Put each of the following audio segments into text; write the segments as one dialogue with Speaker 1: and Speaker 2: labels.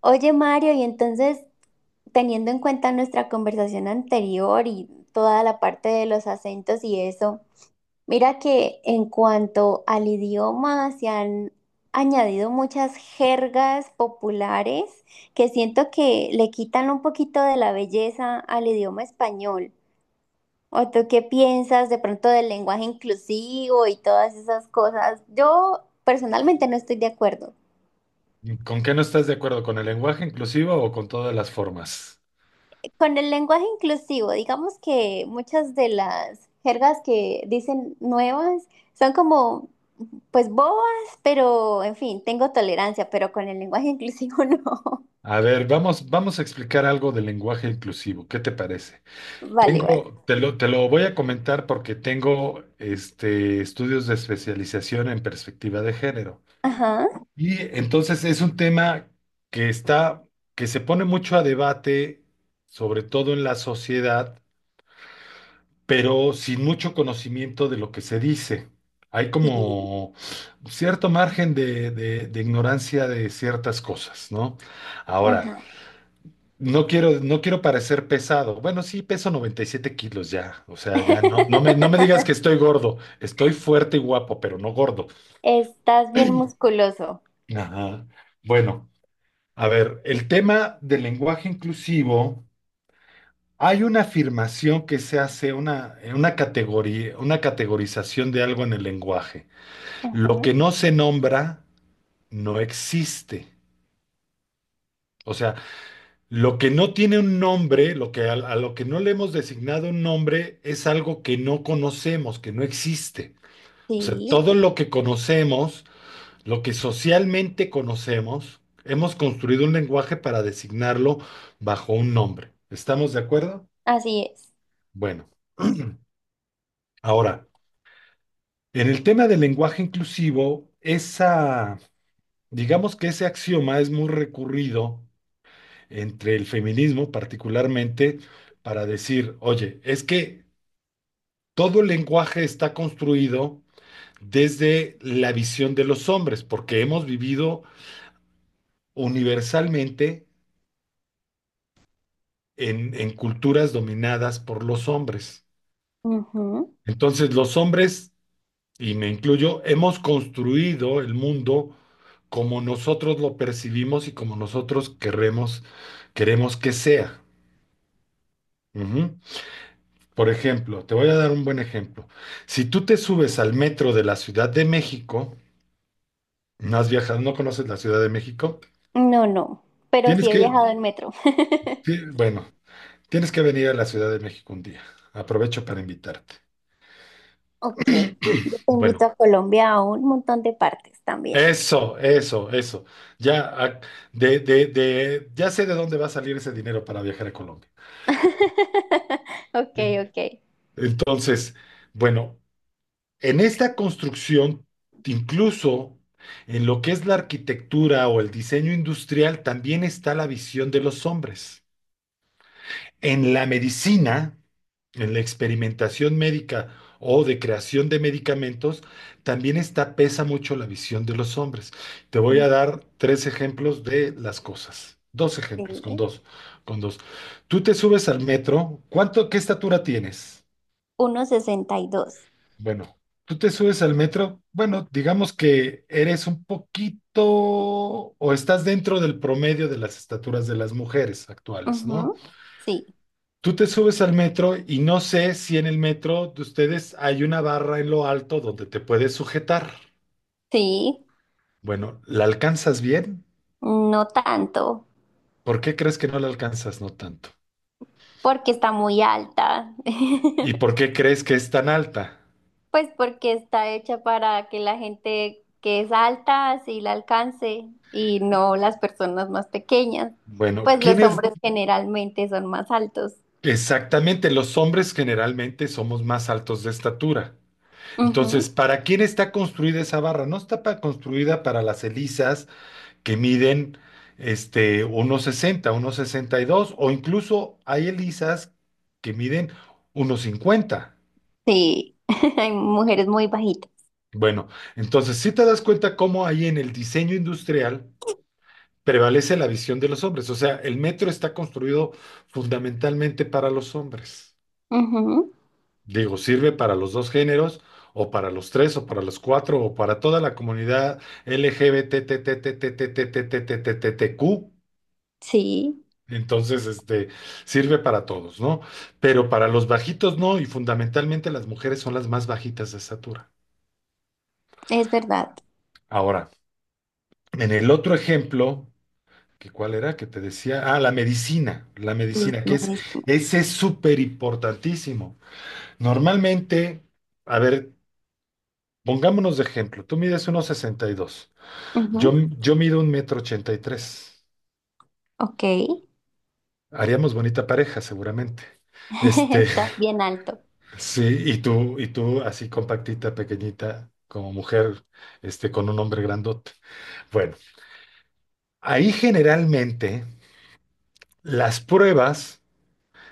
Speaker 1: Oye, Mario, y entonces, teniendo en cuenta nuestra conversación anterior y toda la parte de los acentos y eso, mira que en cuanto al idioma se han añadido muchas jergas populares que siento que le quitan un poquito de la belleza al idioma español. ¿O tú qué piensas de pronto del lenguaje inclusivo y todas esas cosas? Yo personalmente no estoy de acuerdo.
Speaker 2: ¿Con qué no estás de acuerdo? ¿Con el lenguaje inclusivo o con todas las formas?
Speaker 1: Con el lenguaje inclusivo, digamos que muchas de las jergas que dicen nuevas son como, pues bobas, pero en fin, tengo tolerancia, pero con el lenguaje inclusivo no.
Speaker 2: A ver, vamos a explicar algo del lenguaje inclusivo. ¿Qué te parece?
Speaker 1: Vale, vale.
Speaker 2: Tengo, te lo voy a comentar porque tengo estudios de especialización en perspectiva de género.
Speaker 1: Ajá,
Speaker 2: Y entonces es un tema que está, que se pone mucho a debate, sobre todo en la sociedad, pero sin mucho conocimiento de lo que se dice. Hay
Speaker 1: sí,
Speaker 2: como cierto margen de ignorancia de ciertas cosas, ¿no? Ahora,
Speaker 1: ajá.
Speaker 2: no quiero parecer pesado. Bueno, sí, peso 97 kilos ya. O sea, ya no, no me digas que estoy gordo. Estoy fuerte y guapo, pero no gordo.
Speaker 1: Estás bien musculoso.
Speaker 2: Ajá. Bueno, a ver, el tema del lenguaje inclusivo, hay una afirmación que se hace, una categoría, una categorización de algo en el lenguaje. Lo
Speaker 1: Ajá,
Speaker 2: que no se nombra no existe. O sea, lo que no tiene un nombre, lo que a lo que no le hemos designado un nombre, es algo que no conocemos, que no existe. O sea,
Speaker 1: sí,
Speaker 2: todo lo que conocemos, lo que socialmente conocemos, hemos construido un lenguaje para designarlo bajo un nombre. ¿Estamos de acuerdo?
Speaker 1: así es.
Speaker 2: Bueno, ahora, en el tema del lenguaje inclusivo, digamos que ese axioma es muy recurrido entre el feminismo particularmente para decir, oye, es que todo el lenguaje está construido desde la visión de los hombres, porque hemos vivido universalmente en culturas dominadas por los hombres.
Speaker 1: Ujú.
Speaker 2: Entonces los hombres, y me incluyo, hemos construido el mundo como nosotros lo percibimos y como nosotros queremos que sea. Ujú. Por ejemplo, te voy a dar un buen ejemplo. Si tú te subes al metro de la Ciudad de México, no has viajado, no conoces la Ciudad de México,
Speaker 1: No, no, pero
Speaker 2: tienes
Speaker 1: sí he
Speaker 2: que,
Speaker 1: viajado en metro.
Speaker 2: bueno, tienes que venir a la Ciudad de México un día. Aprovecho para invitarte.
Speaker 1: Ok, yo te
Speaker 2: Bueno,
Speaker 1: invito a Colombia a un montón de partes también.
Speaker 2: eso. Ya, ah, ya sé de dónde va a salir ese dinero para viajar a Colombia.
Speaker 1: Ok,
Speaker 2: En-
Speaker 1: ok.
Speaker 2: Entonces, bueno. En esta construcción, incluso en lo que es la arquitectura o el diseño industrial, también está la visión de los hombres. En la medicina, en la experimentación médica o de creación de medicamentos, también está, pesa mucho la visión de los hombres. Te voy a dar tres ejemplos de las cosas. Dos ejemplos, con
Speaker 1: Sí.
Speaker 2: dos, con dos. Tú te subes al metro, ¿cuánto, qué estatura tienes?
Speaker 1: 1,62.
Speaker 2: Bueno, tú te subes al metro, bueno, digamos que eres un poquito o estás dentro del promedio de las estaturas de las mujeres actuales, ¿no?
Speaker 1: Ujú. Sí,
Speaker 2: Tú te subes al metro y no sé si en el metro de ustedes hay una barra en lo alto donde te puedes sujetar.
Speaker 1: sí,
Speaker 2: Bueno, ¿la alcanzas bien?
Speaker 1: no tanto,
Speaker 2: ¿Por qué crees que no la alcanzas no tanto?
Speaker 1: porque está muy alta.
Speaker 2: ¿Y por qué crees que es tan alta?
Speaker 1: Pues porque está hecha para que la gente que es alta sí la alcance y no las personas más pequeñas.
Speaker 2: Bueno,
Speaker 1: Pues los
Speaker 2: ¿quiénes
Speaker 1: hombres generalmente son más altos.
Speaker 2: exactamente? Los hombres generalmente somos más altos de estatura. Entonces,
Speaker 1: Ujú.
Speaker 2: ¿para quién está construida esa barra? No está construida para las elisas que miden 1,60, 1,62, o incluso hay elisas que miden 1,50.
Speaker 1: Sí, hay mujeres muy bajitas.
Speaker 2: Bueno, entonces si te das cuenta cómo ahí en el diseño industrial prevalece la visión de los hombres. O sea, el metro está construido fundamentalmente para los hombres.
Speaker 1: Ujú.
Speaker 2: Digo, sirve para los dos géneros, o para los tres, o para los cuatro, o para toda la comunidad lgbtttttttttttttq.
Speaker 1: Sí,
Speaker 2: Entonces, sirve para todos, ¿no? Pero para los bajitos no, y fundamentalmente las mujeres son las más bajitas de estatura.
Speaker 1: es verdad.
Speaker 2: Ahora, en el otro ejemplo, que cuál era que te decía, ah, la medicina, la
Speaker 1: Sí, es
Speaker 2: medicina, que
Speaker 1: muy
Speaker 2: es,
Speaker 1: distinto.
Speaker 2: ese es súper importantísimo. Normalmente, a ver, pongámonos de ejemplo, tú mides unos sesenta y dos. Yo, yo mido 1,83 m.
Speaker 1: Ok,
Speaker 2: Haríamos bonita pareja, seguramente. Este,
Speaker 1: estás bien alto.
Speaker 2: sí, y tú así compactita, pequeñita, como mujer, con un hombre grandote. Bueno, ahí generalmente las pruebas,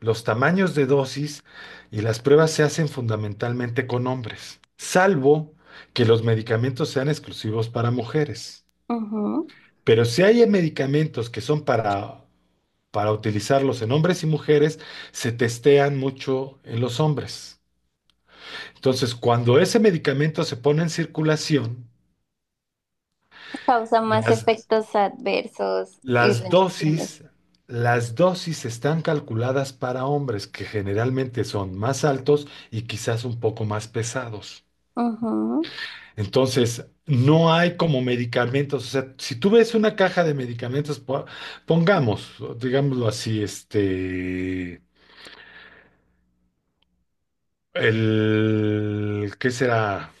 Speaker 2: los tamaños de dosis y las pruebas se hacen fundamentalmente con hombres, salvo que los medicamentos sean exclusivos para mujeres.
Speaker 1: Ujú.
Speaker 2: Pero si hay medicamentos que son para utilizarlos en hombres y mujeres, se testean mucho en los hombres. Entonces, cuando ese medicamento se pone en circulación,
Speaker 1: Causa más
Speaker 2: las,
Speaker 1: efectos adversos y
Speaker 2: las
Speaker 1: reacciones.
Speaker 2: dosis, las dosis están calculadas para hombres, que generalmente son más altos y quizás un poco más pesados.
Speaker 1: Ujú.
Speaker 2: Entonces, no hay como medicamentos. O sea, si tú ves una caja de medicamentos, pongamos, digámoslo así, ¿qué será?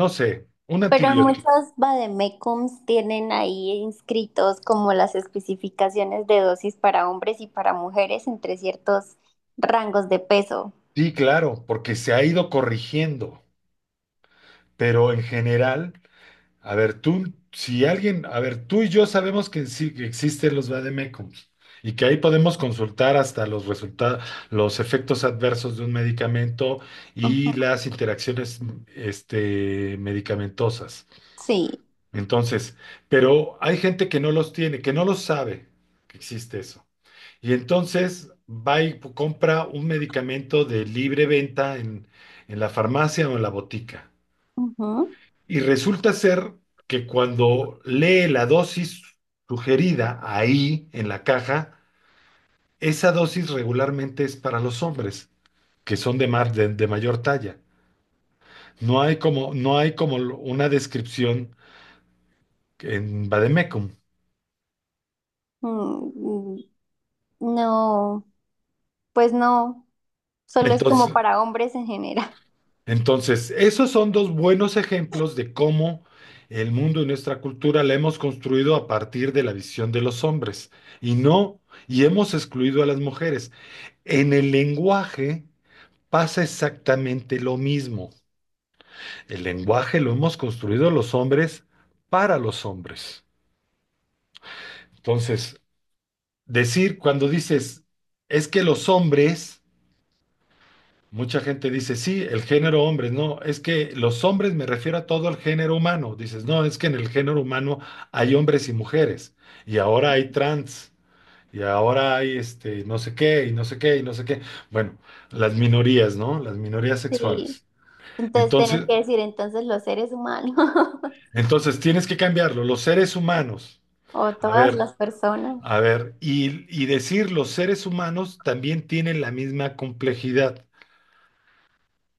Speaker 2: No sé, un
Speaker 1: Pero muchos
Speaker 2: antibiótico.
Speaker 1: vademecums tienen ahí inscritos como las especificaciones de dosis para hombres y para mujeres entre ciertos rangos de peso.
Speaker 2: Sí, claro, porque se ha ido corrigiendo, pero en general, a ver, tú, si alguien, a ver, tú y yo sabemos que sí que existen los vademécums y que ahí podemos consultar hasta los resultados, los efectos adversos de un medicamento y
Speaker 1: Ujú.
Speaker 2: las interacciones, medicamentosas.
Speaker 1: Sí.
Speaker 2: Entonces, pero hay gente que no los tiene, que no los sabe que existe eso. Y entonces va y compra un medicamento de libre venta en la farmacia o en la botica.
Speaker 1: Ujú.
Speaker 2: Y resulta ser que cuando lee la dosis sugerida ahí en la caja, esa dosis regularmente es para los hombres, que son de mayor talla. No hay como una descripción en Vademecum.
Speaker 1: Mm, no, pues no, solo es como
Speaker 2: Entonces,
Speaker 1: para hombres en general.
Speaker 2: Entonces, esos son dos buenos ejemplos de cómo el mundo y nuestra cultura la hemos construido a partir de la visión de los hombres y no, y hemos excluido a las mujeres. En el lenguaje pasa exactamente lo mismo. El lenguaje lo hemos construido los hombres para los hombres. Entonces, decir cuando dices, es que los hombres. Mucha gente dice, sí, el género hombres, no, es que los hombres me refiero a todo el género humano. Dices, no, es que en el género humano hay hombres y mujeres, y ahora hay trans, y ahora hay no sé qué, y no sé qué, y no sé qué. Bueno, las minorías, ¿no? Las minorías
Speaker 1: Sí.
Speaker 2: sexuales.
Speaker 1: Entonces tienes
Speaker 2: Entonces,
Speaker 1: que decir entonces los seres humanos.
Speaker 2: entonces tienes que cambiarlo, los seres humanos.
Speaker 1: O
Speaker 2: A
Speaker 1: todas
Speaker 2: ver,
Speaker 1: las personas.
Speaker 2: y decir los seres humanos también tienen la misma complejidad.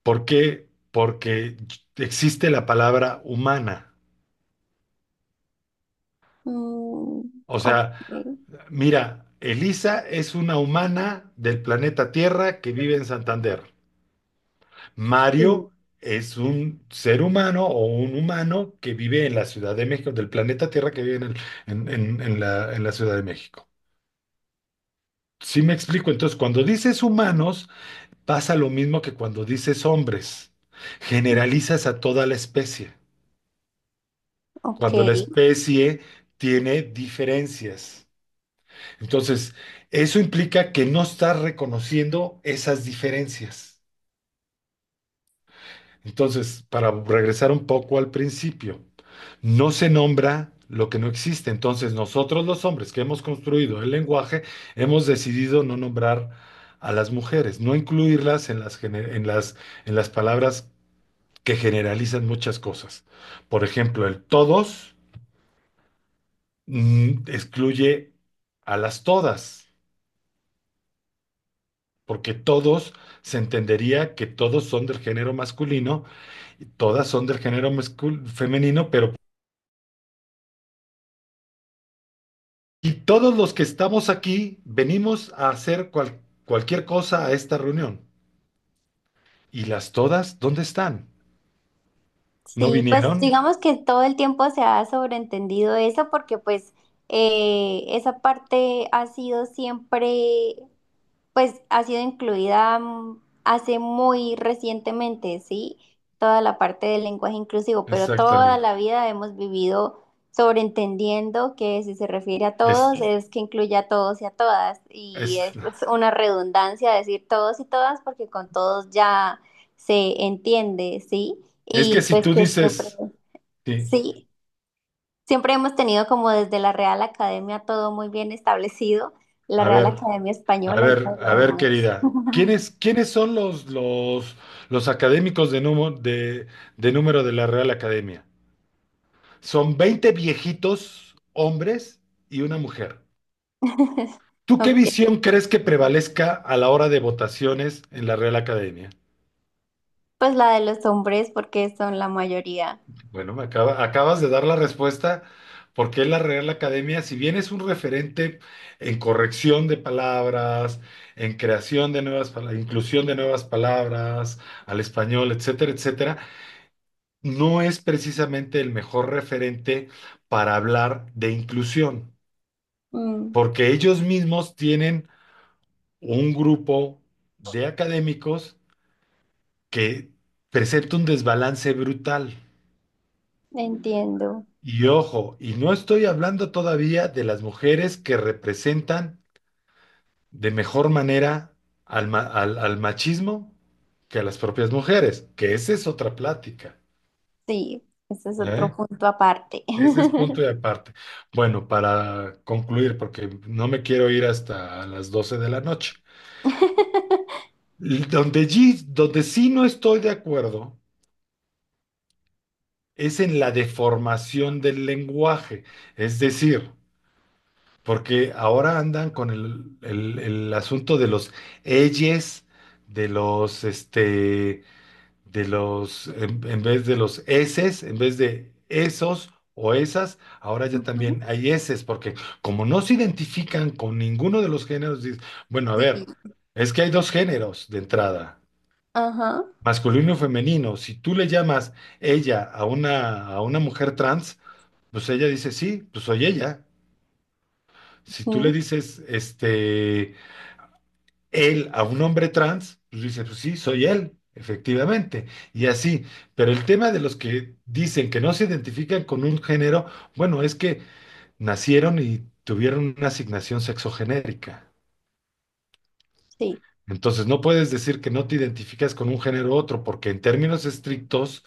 Speaker 2: ¿Por qué? Porque existe la palabra humana.
Speaker 1: Mm,
Speaker 2: O
Speaker 1: ok.
Speaker 2: sea, mira, Elisa es una humana del planeta Tierra que vive en Santander.
Speaker 1: Sí.
Speaker 2: Mario es un ser humano o un humano que vive en la Ciudad de México, del planeta Tierra que vive en, en la Ciudad de México. Sí me explico. Entonces, cuando dices humanos, pasa lo mismo que cuando dices hombres. Generalizas a toda la especie.
Speaker 1: Ok.
Speaker 2: Cuando la especie tiene diferencias. Entonces, eso implica que no está reconociendo esas diferencias. Entonces, para regresar un poco al principio, no se nombra lo que no existe. Entonces, nosotros los hombres que hemos construido el lenguaje, hemos decidido no nombrar a las mujeres, no incluirlas en las, gene- en las palabras que generalizan muchas cosas. Por ejemplo, el todos, mm, excluye a las todas, porque todos se entendería que todos son del género masculino y todas son del género femenino, pero y todos los que estamos aquí venimos a hacer cualquier cosa a esta reunión. ¿Y las todas dónde están? ¿No
Speaker 1: Sí, pues
Speaker 2: vinieron?
Speaker 1: digamos que todo el tiempo se ha sobreentendido eso porque pues esa parte ha sido siempre. Pues ha sido incluida hace muy recientemente, ¿sí? Toda la parte del lenguaje inclusivo, pero toda
Speaker 2: Exactamente.
Speaker 1: la vida hemos vivido sobreentendiendo que si se refiere a
Speaker 2: Es,
Speaker 1: todos es que incluye a todos y a todas. Y
Speaker 2: es,
Speaker 1: es pues, una redundancia decir todos y todas porque con todos ya se entiende, ¿sí?
Speaker 2: es que
Speaker 1: Y
Speaker 2: si
Speaker 1: pues
Speaker 2: tú
Speaker 1: que siempre,
Speaker 2: dices, sí,
Speaker 1: sí. Siempre hemos tenido como desde la Real Academia todo muy bien establecido, la
Speaker 2: a
Speaker 1: Real
Speaker 2: ver.
Speaker 1: Academia
Speaker 2: A
Speaker 1: Española y
Speaker 2: ver,
Speaker 1: todo lo
Speaker 2: a ver,
Speaker 1: demás.
Speaker 2: querida, ¿quiénes son los académicos de número de la Real Academia? Son 20 viejitos, hombres y una mujer. ¿Tú qué
Speaker 1: Ok.
Speaker 2: visión crees que prevalezca a la hora de votaciones en la Real Academia?
Speaker 1: Pues la de los hombres porque son la mayoría.
Speaker 2: Bueno, acabas de dar la respuesta porque la Real Academia, si bien es un referente en corrección de palabras, en creación de nuevas palabras, inclusión de nuevas palabras al español, etcétera, etcétera, no es precisamente el mejor referente para hablar de inclusión,
Speaker 1: Mm,
Speaker 2: porque ellos mismos tienen un grupo de académicos que presenta un desbalance brutal.
Speaker 1: Entiendo.
Speaker 2: Y ojo, y no estoy hablando todavía de las mujeres que representan de mejor manera al machismo que a las propias mujeres, que esa es otra plática.
Speaker 1: Sí, ese es
Speaker 2: ¿Eh?
Speaker 1: otro punto aparte.
Speaker 2: Ese es punto y aparte. Bueno, para concluir, porque no me quiero ir hasta las 12 de la noche. Donde sí no estoy de acuerdo es en la deformación del lenguaje. Es decir, porque ahora andan con el asunto de los elles, de los este, de los, en vez de los eses, en vez de esos o esas, ahora ya también
Speaker 1: Ujú.
Speaker 2: hay eses, porque como no se identifican con ninguno de los géneros, dices, bueno, a
Speaker 1: Sí,
Speaker 2: ver, es que hay dos géneros de entrada,
Speaker 1: ajá,
Speaker 2: masculino y femenino. Si tú le llamas ella a a una mujer trans, pues ella dice, sí, pues soy ella. Si tú le
Speaker 1: mm,
Speaker 2: dices, él a un hombre trans, pues dice, pues sí, soy él, efectivamente, y así. Pero el tema de los que dicen que no se identifican con un género, bueno, es que nacieron y tuvieron una asignación sexogenérica.
Speaker 1: sí.
Speaker 2: Entonces no puedes decir que no te identificas con un género u otro, porque en términos estrictos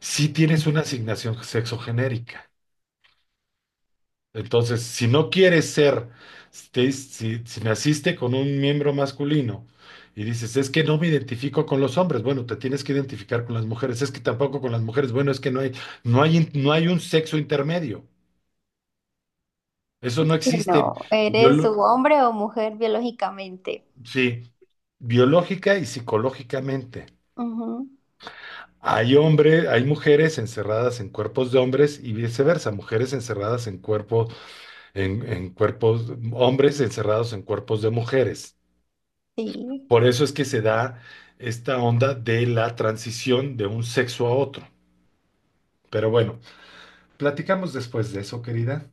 Speaker 2: sí tienes una asignación sexogenérica. Entonces, si no quieres ser, si naciste con un miembro masculino y dices, es que no me identifico con los hombres, bueno, te tienes que identificar con las mujeres, es que tampoco con las mujeres, bueno, es que no hay un sexo intermedio, eso
Speaker 1: Sí.
Speaker 2: no existe.
Speaker 1: No, ¿eres su
Speaker 2: Biolo-
Speaker 1: hombre o mujer biológicamente?
Speaker 2: sí, biológica y psicológicamente.
Speaker 1: Ujú.
Speaker 2: Hay hombres, hay mujeres encerradas en cuerpos de hombres y viceversa, mujeres encerradas en en cuerpos, hombres encerrados en cuerpos de mujeres.
Speaker 1: Sí,
Speaker 2: Por eso es que se da esta onda de la transición de un sexo a otro. Pero bueno, platicamos después de eso, querida,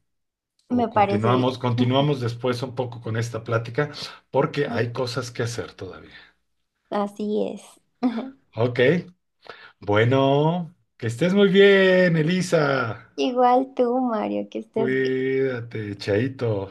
Speaker 1: me
Speaker 2: o
Speaker 1: parece bien.
Speaker 2: continuamos, continuamos después un poco con esta plática, porque hay
Speaker 1: Ok.
Speaker 2: cosas que hacer todavía.
Speaker 1: Así es.
Speaker 2: Ok, bueno, que estés muy bien, Elisa.
Speaker 1: Igual tú, Mario, que estés bien.
Speaker 2: Cuídate, Chaito.